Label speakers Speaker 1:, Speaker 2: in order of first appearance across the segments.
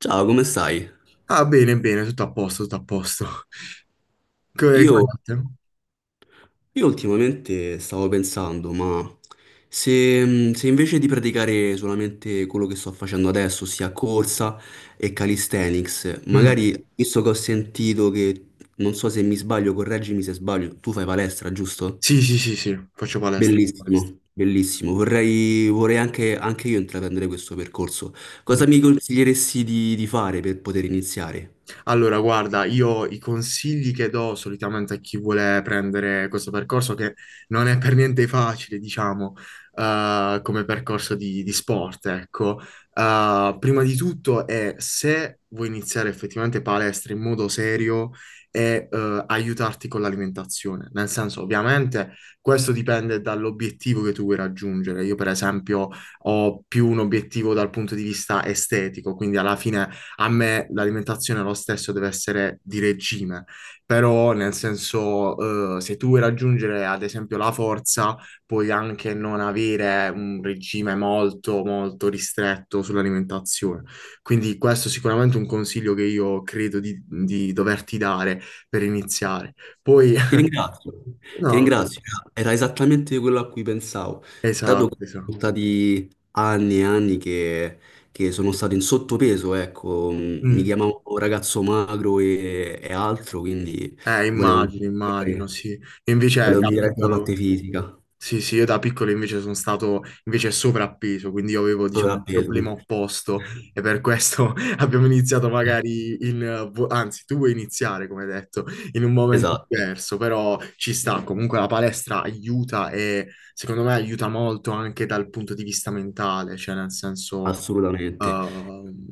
Speaker 1: Ciao, come stai?
Speaker 2: Ah, bene, bene, tutto a posto, tutto a posto.
Speaker 1: Io,
Speaker 2: Come, andate?
Speaker 1: io ultimamente stavo pensando, ma se invece di praticare solamente quello che sto facendo adesso, ossia corsa e calisthenics,
Speaker 2: Mm.
Speaker 1: magari visto che ho sentito che, non so se mi sbaglio, correggimi se sbaglio, tu fai palestra, giusto?
Speaker 2: Sì, sì, sì, sì, faccio palestra, faccio palestra.
Speaker 1: Bellissimo, bellissimo. Vorrei anche io intraprendere questo percorso.
Speaker 2: Mm.
Speaker 1: Cosa mi consiglieresti di fare per poter iniziare?
Speaker 2: Allora, guarda, io i consigli che do solitamente a chi vuole prendere questo percorso, che non è per niente facile, diciamo, come percorso di sport, ecco. Prima di tutto è se vuoi iniziare effettivamente palestra in modo serio e aiutarti con l'alimentazione. Nel senso, ovviamente, questo dipende dall'obiettivo che tu vuoi raggiungere. Io, per esempio, ho più un obiettivo dal punto di vista estetico, quindi alla fine a me l'alimentazione lo stesso deve essere di regime, però nel senso, se tu vuoi raggiungere ad esempio la forza, puoi anche non avere un regime molto, molto ristretto sull'alimentazione. Quindi questo è sicuramente un consiglio che io credo di doverti dare per iniziare. Poi,
Speaker 1: Ti ringrazio, ti
Speaker 2: no,
Speaker 1: ringrazio. Era esattamente quello a cui pensavo. Dato
Speaker 2: esatto,
Speaker 1: che
Speaker 2: esatto.
Speaker 1: sono stati anni e anni che sono stato in sottopeso, ecco, mi
Speaker 2: Mm.
Speaker 1: chiamavo ragazzo magro e altro, quindi volevo,
Speaker 2: Immagino, immagino, sì. Invece
Speaker 1: volevo
Speaker 2: da
Speaker 1: migliorare la
Speaker 2: piccolo...
Speaker 1: parte fisica,
Speaker 2: Sì, sì, io da piccolo invece sono stato invece sovrappeso, quindi io avevo, diciamo, il
Speaker 1: sovrapeso.
Speaker 2: problema opposto e per questo abbiamo iniziato magari in... anzi, tu vuoi iniziare, come detto, in un momento
Speaker 1: Esatto,
Speaker 2: diverso, però ci sta, comunque la palestra aiuta e secondo me aiuta molto anche dal punto di vista mentale, cioè nel senso...
Speaker 1: assolutamente.
Speaker 2: Ehm,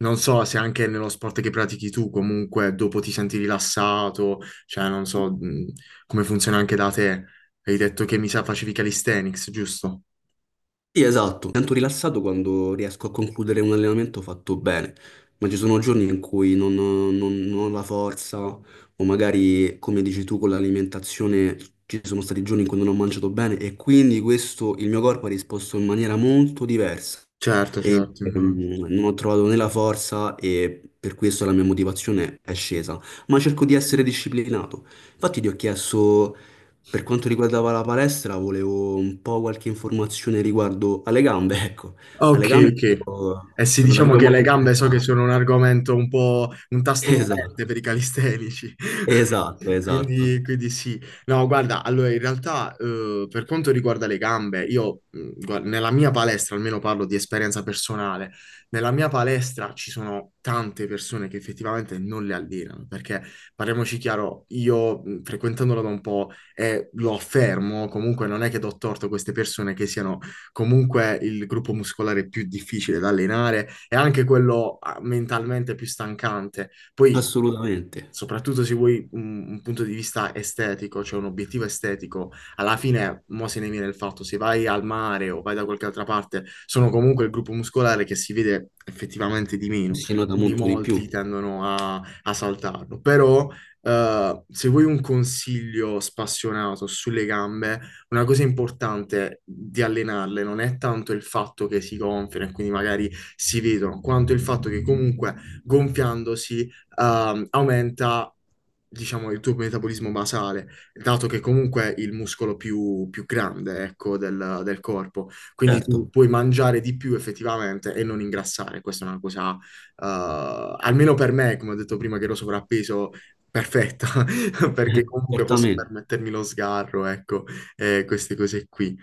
Speaker 2: Non so se anche nello sport che pratichi tu, comunque dopo ti senti rilassato, cioè non so come funziona anche da te, hai detto che mi sa facevi calisthenics, giusto?
Speaker 1: Sì, esatto, mi sento rilassato quando riesco a concludere un allenamento fatto bene, ma ci sono giorni in cui non ho la forza o magari, come dici tu, con l'alimentazione ci sono stati giorni in cui non ho mangiato bene e quindi questo, il mio corpo ha risposto in maniera molto diversa.
Speaker 2: Certo, certo, immagino.
Speaker 1: Non ho trovato né la forza e per questo la mia motivazione è scesa, ma cerco di essere disciplinato. Infatti ti ho chiesto, per quanto riguardava la palestra, volevo un po' qualche informazione riguardo alle gambe, ecco, alle
Speaker 2: Ok,
Speaker 1: gambe io
Speaker 2: ok. Eh sì,
Speaker 1: sono
Speaker 2: diciamo
Speaker 1: davvero
Speaker 2: che le
Speaker 1: molto
Speaker 2: gambe so che
Speaker 1: interessato.
Speaker 2: sono un argomento un po' un tasto
Speaker 1: Esatto,
Speaker 2: dolente per i calistenici.
Speaker 1: esatto,
Speaker 2: Quindi,
Speaker 1: esatto,
Speaker 2: quindi sì. No, guarda, allora in realtà per quanto riguarda le gambe, io guarda, nella mia palestra, almeno parlo di esperienza personale, nella mia palestra ci sono tante persone che effettivamente non le allenano, perché parliamoci chiaro, io frequentandola da un po' e lo affermo, comunque non è che do torto a queste persone che siano comunque il gruppo muscolare più difficile da allenare e anche quello mentalmente più stancante. Poi
Speaker 1: assolutamente.
Speaker 2: Soprattutto se vuoi un punto di vista estetico, cioè un obiettivo estetico, alla fine, mo se ne viene il fatto, se vai al mare o vai da qualche altra parte, sono comunque il gruppo muscolare che si vede effettivamente di meno,
Speaker 1: Si nota
Speaker 2: quindi
Speaker 1: molto di
Speaker 2: molti
Speaker 1: più,
Speaker 2: tendono a saltarlo. Però, se vuoi un consiglio spassionato sulle gambe, una cosa importante di allenarle non è tanto il fatto che si gonfiano e quindi magari si vedono, quanto il fatto che comunque gonfiandosi aumenta, diciamo, il tuo metabolismo basale, dato che comunque è il muscolo più grande, ecco, del corpo. Quindi tu
Speaker 1: certo,
Speaker 2: puoi mangiare di più effettivamente e non ingrassare. Questa è una cosa, almeno per me, come ho detto prima, che ero sovrappeso, perfetta, perché comunque posso
Speaker 1: certamente.
Speaker 2: permettermi lo sgarro, ecco, e queste cose qui.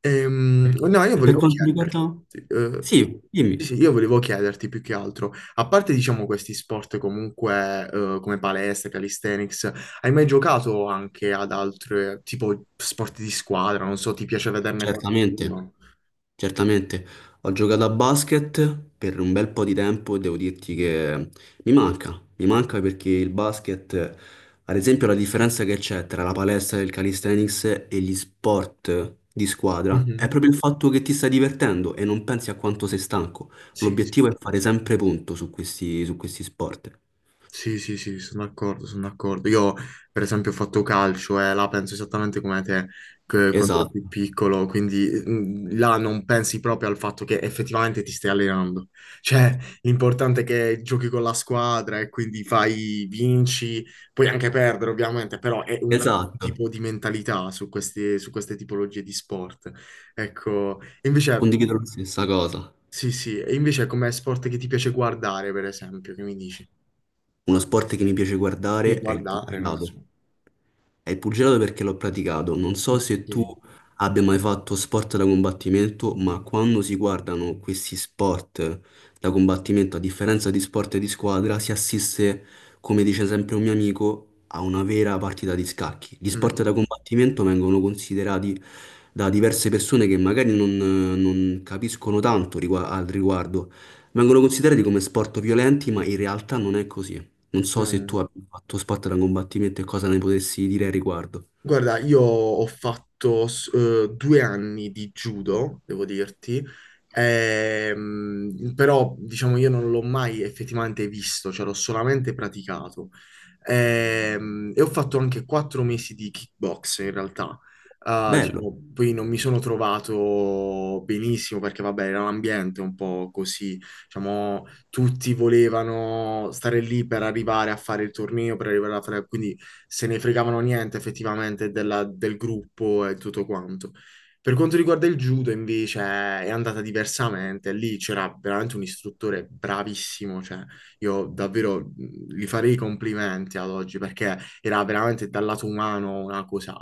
Speaker 2: No, io
Speaker 1: E per
Speaker 2: volevo
Speaker 1: quanto riguarda.
Speaker 2: chiederti,
Speaker 1: Sì,
Speaker 2: sì, sì,
Speaker 1: dimmi.
Speaker 2: io volevo chiederti più che altro, a parte diciamo questi sport comunque come palestra, calisthenics, hai mai giocato anche ad altre tipo sport di squadra? Non so, ti piace vederne
Speaker 1: Certamente,
Speaker 2: qualcuno?
Speaker 1: certamente. Ho giocato a basket per un bel po' di tempo e devo dirti che mi manca perché il basket, ad esempio, la differenza che c'è tra la palestra del calisthenics e gli sport di squadra è
Speaker 2: Mhm.
Speaker 1: proprio il fatto che ti stai divertendo e non pensi a quanto sei stanco.
Speaker 2: Sì, sì.
Speaker 1: L'obiettivo è fare sempre punto su questi sport.
Speaker 2: Sì, sì, sì, sono d'accordo, sono d'accordo. Io, per esempio, ho fatto calcio e là penso esattamente come te che quando ero
Speaker 1: Esatto,
Speaker 2: più piccolo, quindi là non pensi proprio al fatto che effettivamente ti stai allenando. Cioè, l'importante è che giochi con la squadra e quindi fai, vinci, puoi anche perdere, ovviamente, però è un altro
Speaker 1: esatto.
Speaker 2: tipo di mentalità su queste tipologie di sport. Ecco. E invece,
Speaker 1: Condivido la stessa cosa.
Speaker 2: sì, sì, e invece come sport che ti piace guardare, per esempio, che mi dici?
Speaker 1: Uno sport che mi piace
Speaker 2: Sì,
Speaker 1: guardare è il
Speaker 2: guardare, non so.
Speaker 1: pugilato. È il pugilato perché l'ho praticato. Non so se tu abbia mai fatto sport da combattimento, ma quando si guardano questi sport da combattimento, a differenza di sport di squadra, si assiste, come dice sempre un mio amico, a una vera partita di scacchi. Gli sport da
Speaker 2: うん、うん、うん。うん
Speaker 1: combattimento vengono considerati da diverse persone che magari non capiscono tanto al riguardo. Vengono considerati come sport violenti, ma in realtà non è così. Non so se tu abbia fatto sport da combattimento e cosa ne potessi dire al riguardo.
Speaker 2: Guarda, io ho fatto 2 anni di judo, devo dirti, però diciamo io non l'ho mai effettivamente visto, cioè l'ho solamente praticato. E ho fatto anche 4 mesi di kickbox in realtà. Ah,
Speaker 1: Bello.
Speaker 2: diciamo, poi non mi sono trovato benissimo perché vabbè era un ambiente un po' così, diciamo tutti volevano stare lì per arrivare a fare il torneo, per arrivare a fare... quindi se ne fregavano niente effettivamente del gruppo e tutto quanto. Per quanto riguarda il judo, invece, è andata diversamente. Lì c'era veramente un istruttore bravissimo, cioè io davvero gli farei i complimenti ad oggi perché era veramente dal lato umano una cosa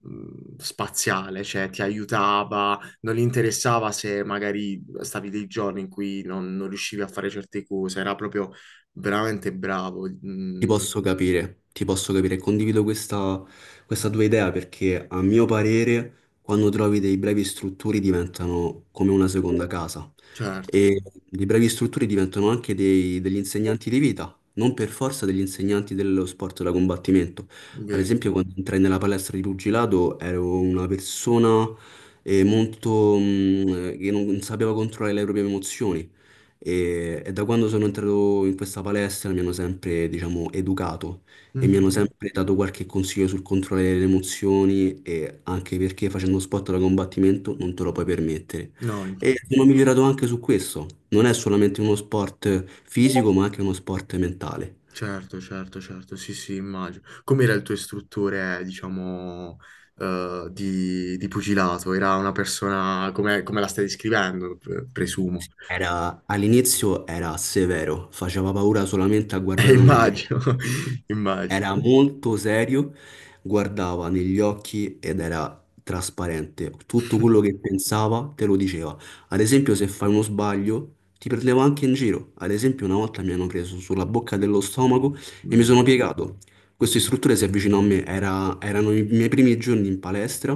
Speaker 2: spaziale, cioè ti aiutava, non gli interessava se magari stavi dei giorni in cui non riuscivi a fare certe cose, era proprio veramente bravo.
Speaker 1: Ti posso capire, condivido questa tua idea perché a mio parere quando trovi dei brevi istruttori diventano come una seconda casa
Speaker 2: Certo.
Speaker 1: e i brevi istruttori diventano anche degli insegnanti di vita, non per forza degli insegnanti dello sport da combattimento. Ad
Speaker 2: Vero.
Speaker 1: esempio quando entrai nella palestra di pugilato ero una persona molto, che non sapeva controllare le proprie emozioni. E da quando sono entrato in questa palestra mi hanno sempre, diciamo, educato e mi hanno
Speaker 2: Mhm.
Speaker 1: sempre dato qualche consiglio sul controllo delle emozioni e anche perché facendo sport da combattimento non te lo puoi permettere.
Speaker 2: No,
Speaker 1: E
Speaker 2: infatti.
Speaker 1: sono migliorato anche su questo. Non è solamente uno sport fisico, ma anche uno sport mentale.
Speaker 2: Certo, certo, certo, sì, sì, immagino. Com'era il tuo istruttore, diciamo, di pugilato? Era una persona come la stai descrivendo, presumo.
Speaker 1: All'inizio era severo, faceva paura solamente a guardarlo negli occhi.
Speaker 2: Immagino, immagino.
Speaker 1: Era molto serio, guardava negli occhi ed era trasparente. Tutto quello che pensava te lo diceva. Ad esempio, se fai uno sbaglio, ti prendeva anche in giro. Ad esempio, una volta mi hanno preso sulla bocca dello stomaco e mi
Speaker 2: Mm.
Speaker 1: sono piegato. Questo istruttore si avvicinò a me, erano i miei primi giorni in palestra,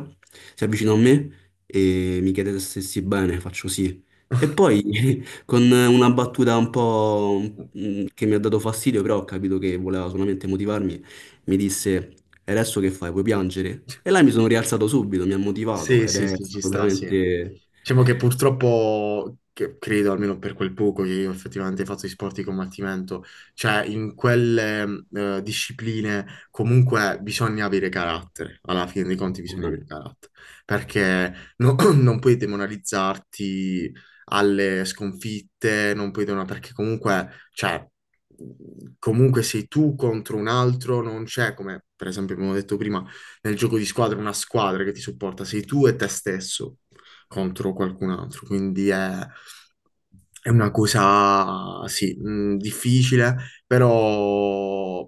Speaker 1: si avvicinò a me e mi chiede se stessi bene, faccio sì. E poi. Con una battuta un po' che mi ha dato fastidio, però ho capito che voleva solamente motivarmi, mi disse: E adesso che fai? Vuoi piangere? E là mi sono rialzato subito, mi ha motivato
Speaker 2: Sì,
Speaker 1: ed
Speaker 2: sì,
Speaker 1: è
Speaker 2: sì, ci
Speaker 1: stato
Speaker 2: sta, sì.
Speaker 1: veramente.
Speaker 2: Diciamo che purtroppo, che credo almeno per quel poco che io effettivamente faccio i sport di combattimento, cioè in quelle discipline comunque bisogna avere carattere, alla fine dei conti bisogna avere
Speaker 1: Assolutamente.
Speaker 2: carattere, perché non puoi demoralizzarti alle sconfitte, non puoi demoralizzarti, perché comunque, cioè, comunque sei tu contro un altro, non c'è, come per esempio abbiamo detto prima, nel gioco di squadra è una squadra che ti supporta, sei tu e te stesso contro qualcun altro, quindi è una cosa, sì, difficile, però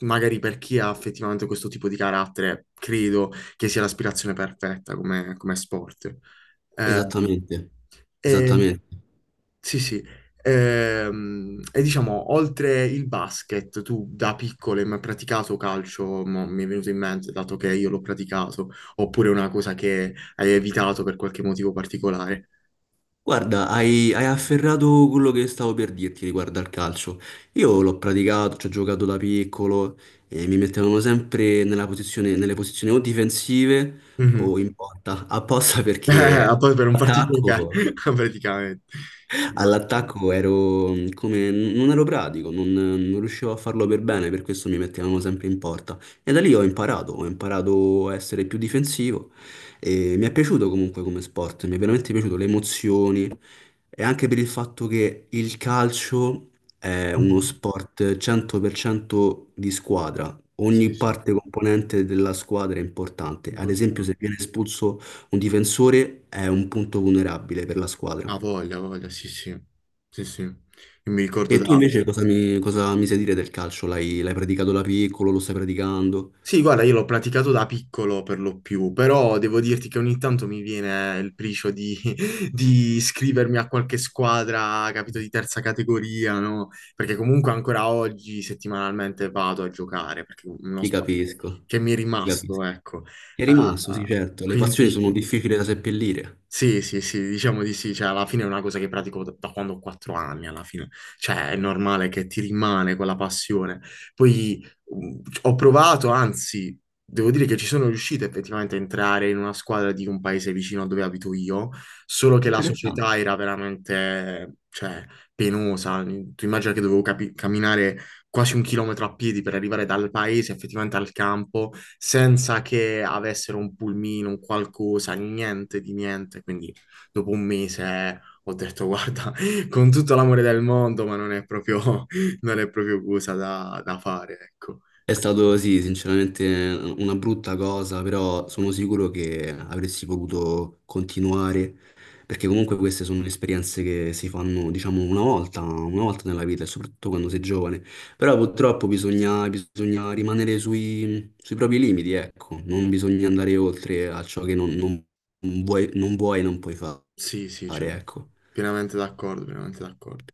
Speaker 2: magari per chi ha effettivamente questo tipo di carattere, credo che sia l'aspirazione perfetta come sport. Eh,
Speaker 1: Esattamente,
Speaker 2: e
Speaker 1: esattamente.
Speaker 2: sì, sì. E diciamo, oltre il basket, tu da piccolo hai mai praticato calcio? Mo mi è venuto in mente, dato che io l'ho praticato, oppure una cosa che hai evitato per qualche motivo particolare?
Speaker 1: Guarda, hai afferrato quello che stavo per dirti riguardo al calcio. Io l'ho praticato, ci ho giocato da piccolo e mi mettevano sempre nella nelle posizioni o difensive
Speaker 2: Mhm.
Speaker 1: o in porta, apposta
Speaker 2: Eh, a
Speaker 1: perché
Speaker 2: poi per non farti giocare,
Speaker 1: attacco.
Speaker 2: praticamente. Ma-
Speaker 1: All'attacco ero come. Non ero pratico, non riuscivo a farlo per bene, per questo mi mettevano sempre in porta. E da lì ho imparato a essere più difensivo e mi è piaciuto comunque come sport, mi è veramente piaciuto le emozioni e anche per il fatto che il calcio è uno
Speaker 2: Mhm.
Speaker 1: sport 100% di squadra.
Speaker 2: Sì,
Speaker 1: Ogni
Speaker 2: sì,
Speaker 1: parte componente della squadra è importante. Ad esempio, se
Speaker 2: importante.
Speaker 1: viene espulso un difensore è un punto vulnerabile per la squadra.
Speaker 2: Ah, voglia, voglia, sì, sì. Sì, sì. Io mi ricordo
Speaker 1: E tu
Speaker 2: da...
Speaker 1: invece cosa mi sai dire del calcio? L'hai praticato da piccolo, lo stai praticando?
Speaker 2: Sì, guarda, io l'ho praticato da piccolo per lo più, però devo dirti che ogni tanto mi viene il pricio di, di iscrivermi a qualche squadra, capito, di terza categoria, no? Perché comunque ancora oggi settimanalmente vado a giocare, perché è uno
Speaker 1: Ti
Speaker 2: sport che
Speaker 1: capisco,
Speaker 2: che mi è
Speaker 1: ti capisco.
Speaker 2: rimasto, ecco.
Speaker 1: È rimasto, sì,
Speaker 2: Eh,
Speaker 1: certo. Le passioni sono
Speaker 2: quindi...
Speaker 1: difficili da seppellire.
Speaker 2: Sì, sì, sì, diciamo di sì, cioè alla fine è una cosa che pratico da quando ho 4 anni, alla fine, cioè è normale che ti rimane quella passione. Poi ho provato, anzi, devo dire che ci sono riuscito effettivamente a entrare in una squadra di un paese vicino a dove abito io, solo che la
Speaker 1: Interessante.
Speaker 2: società era veramente, cioè, penosa. Tu immagina che dovevo camminare quasi un chilometro a piedi per arrivare dal paese effettivamente al campo, senza che avessero un pulmino, un qualcosa, niente di niente. Quindi dopo un mese ho detto, guarda, con tutto l'amore del mondo, ma non è proprio, non è proprio cosa da fare, ecco.
Speaker 1: È stato, sì, sinceramente una brutta cosa, però sono sicuro che avresti potuto continuare, perché comunque queste sono esperienze che si fanno, diciamo, una volta nella vita, e soprattutto quando sei giovane. Però purtroppo bisogna rimanere sui propri limiti, ecco, non bisogna andare oltre a ciò che non vuoi e non puoi
Speaker 2: Sì, sì,
Speaker 1: fare,
Speaker 2: certo.
Speaker 1: ecco.
Speaker 2: Pienamente d'accordo, pienamente d'accordo.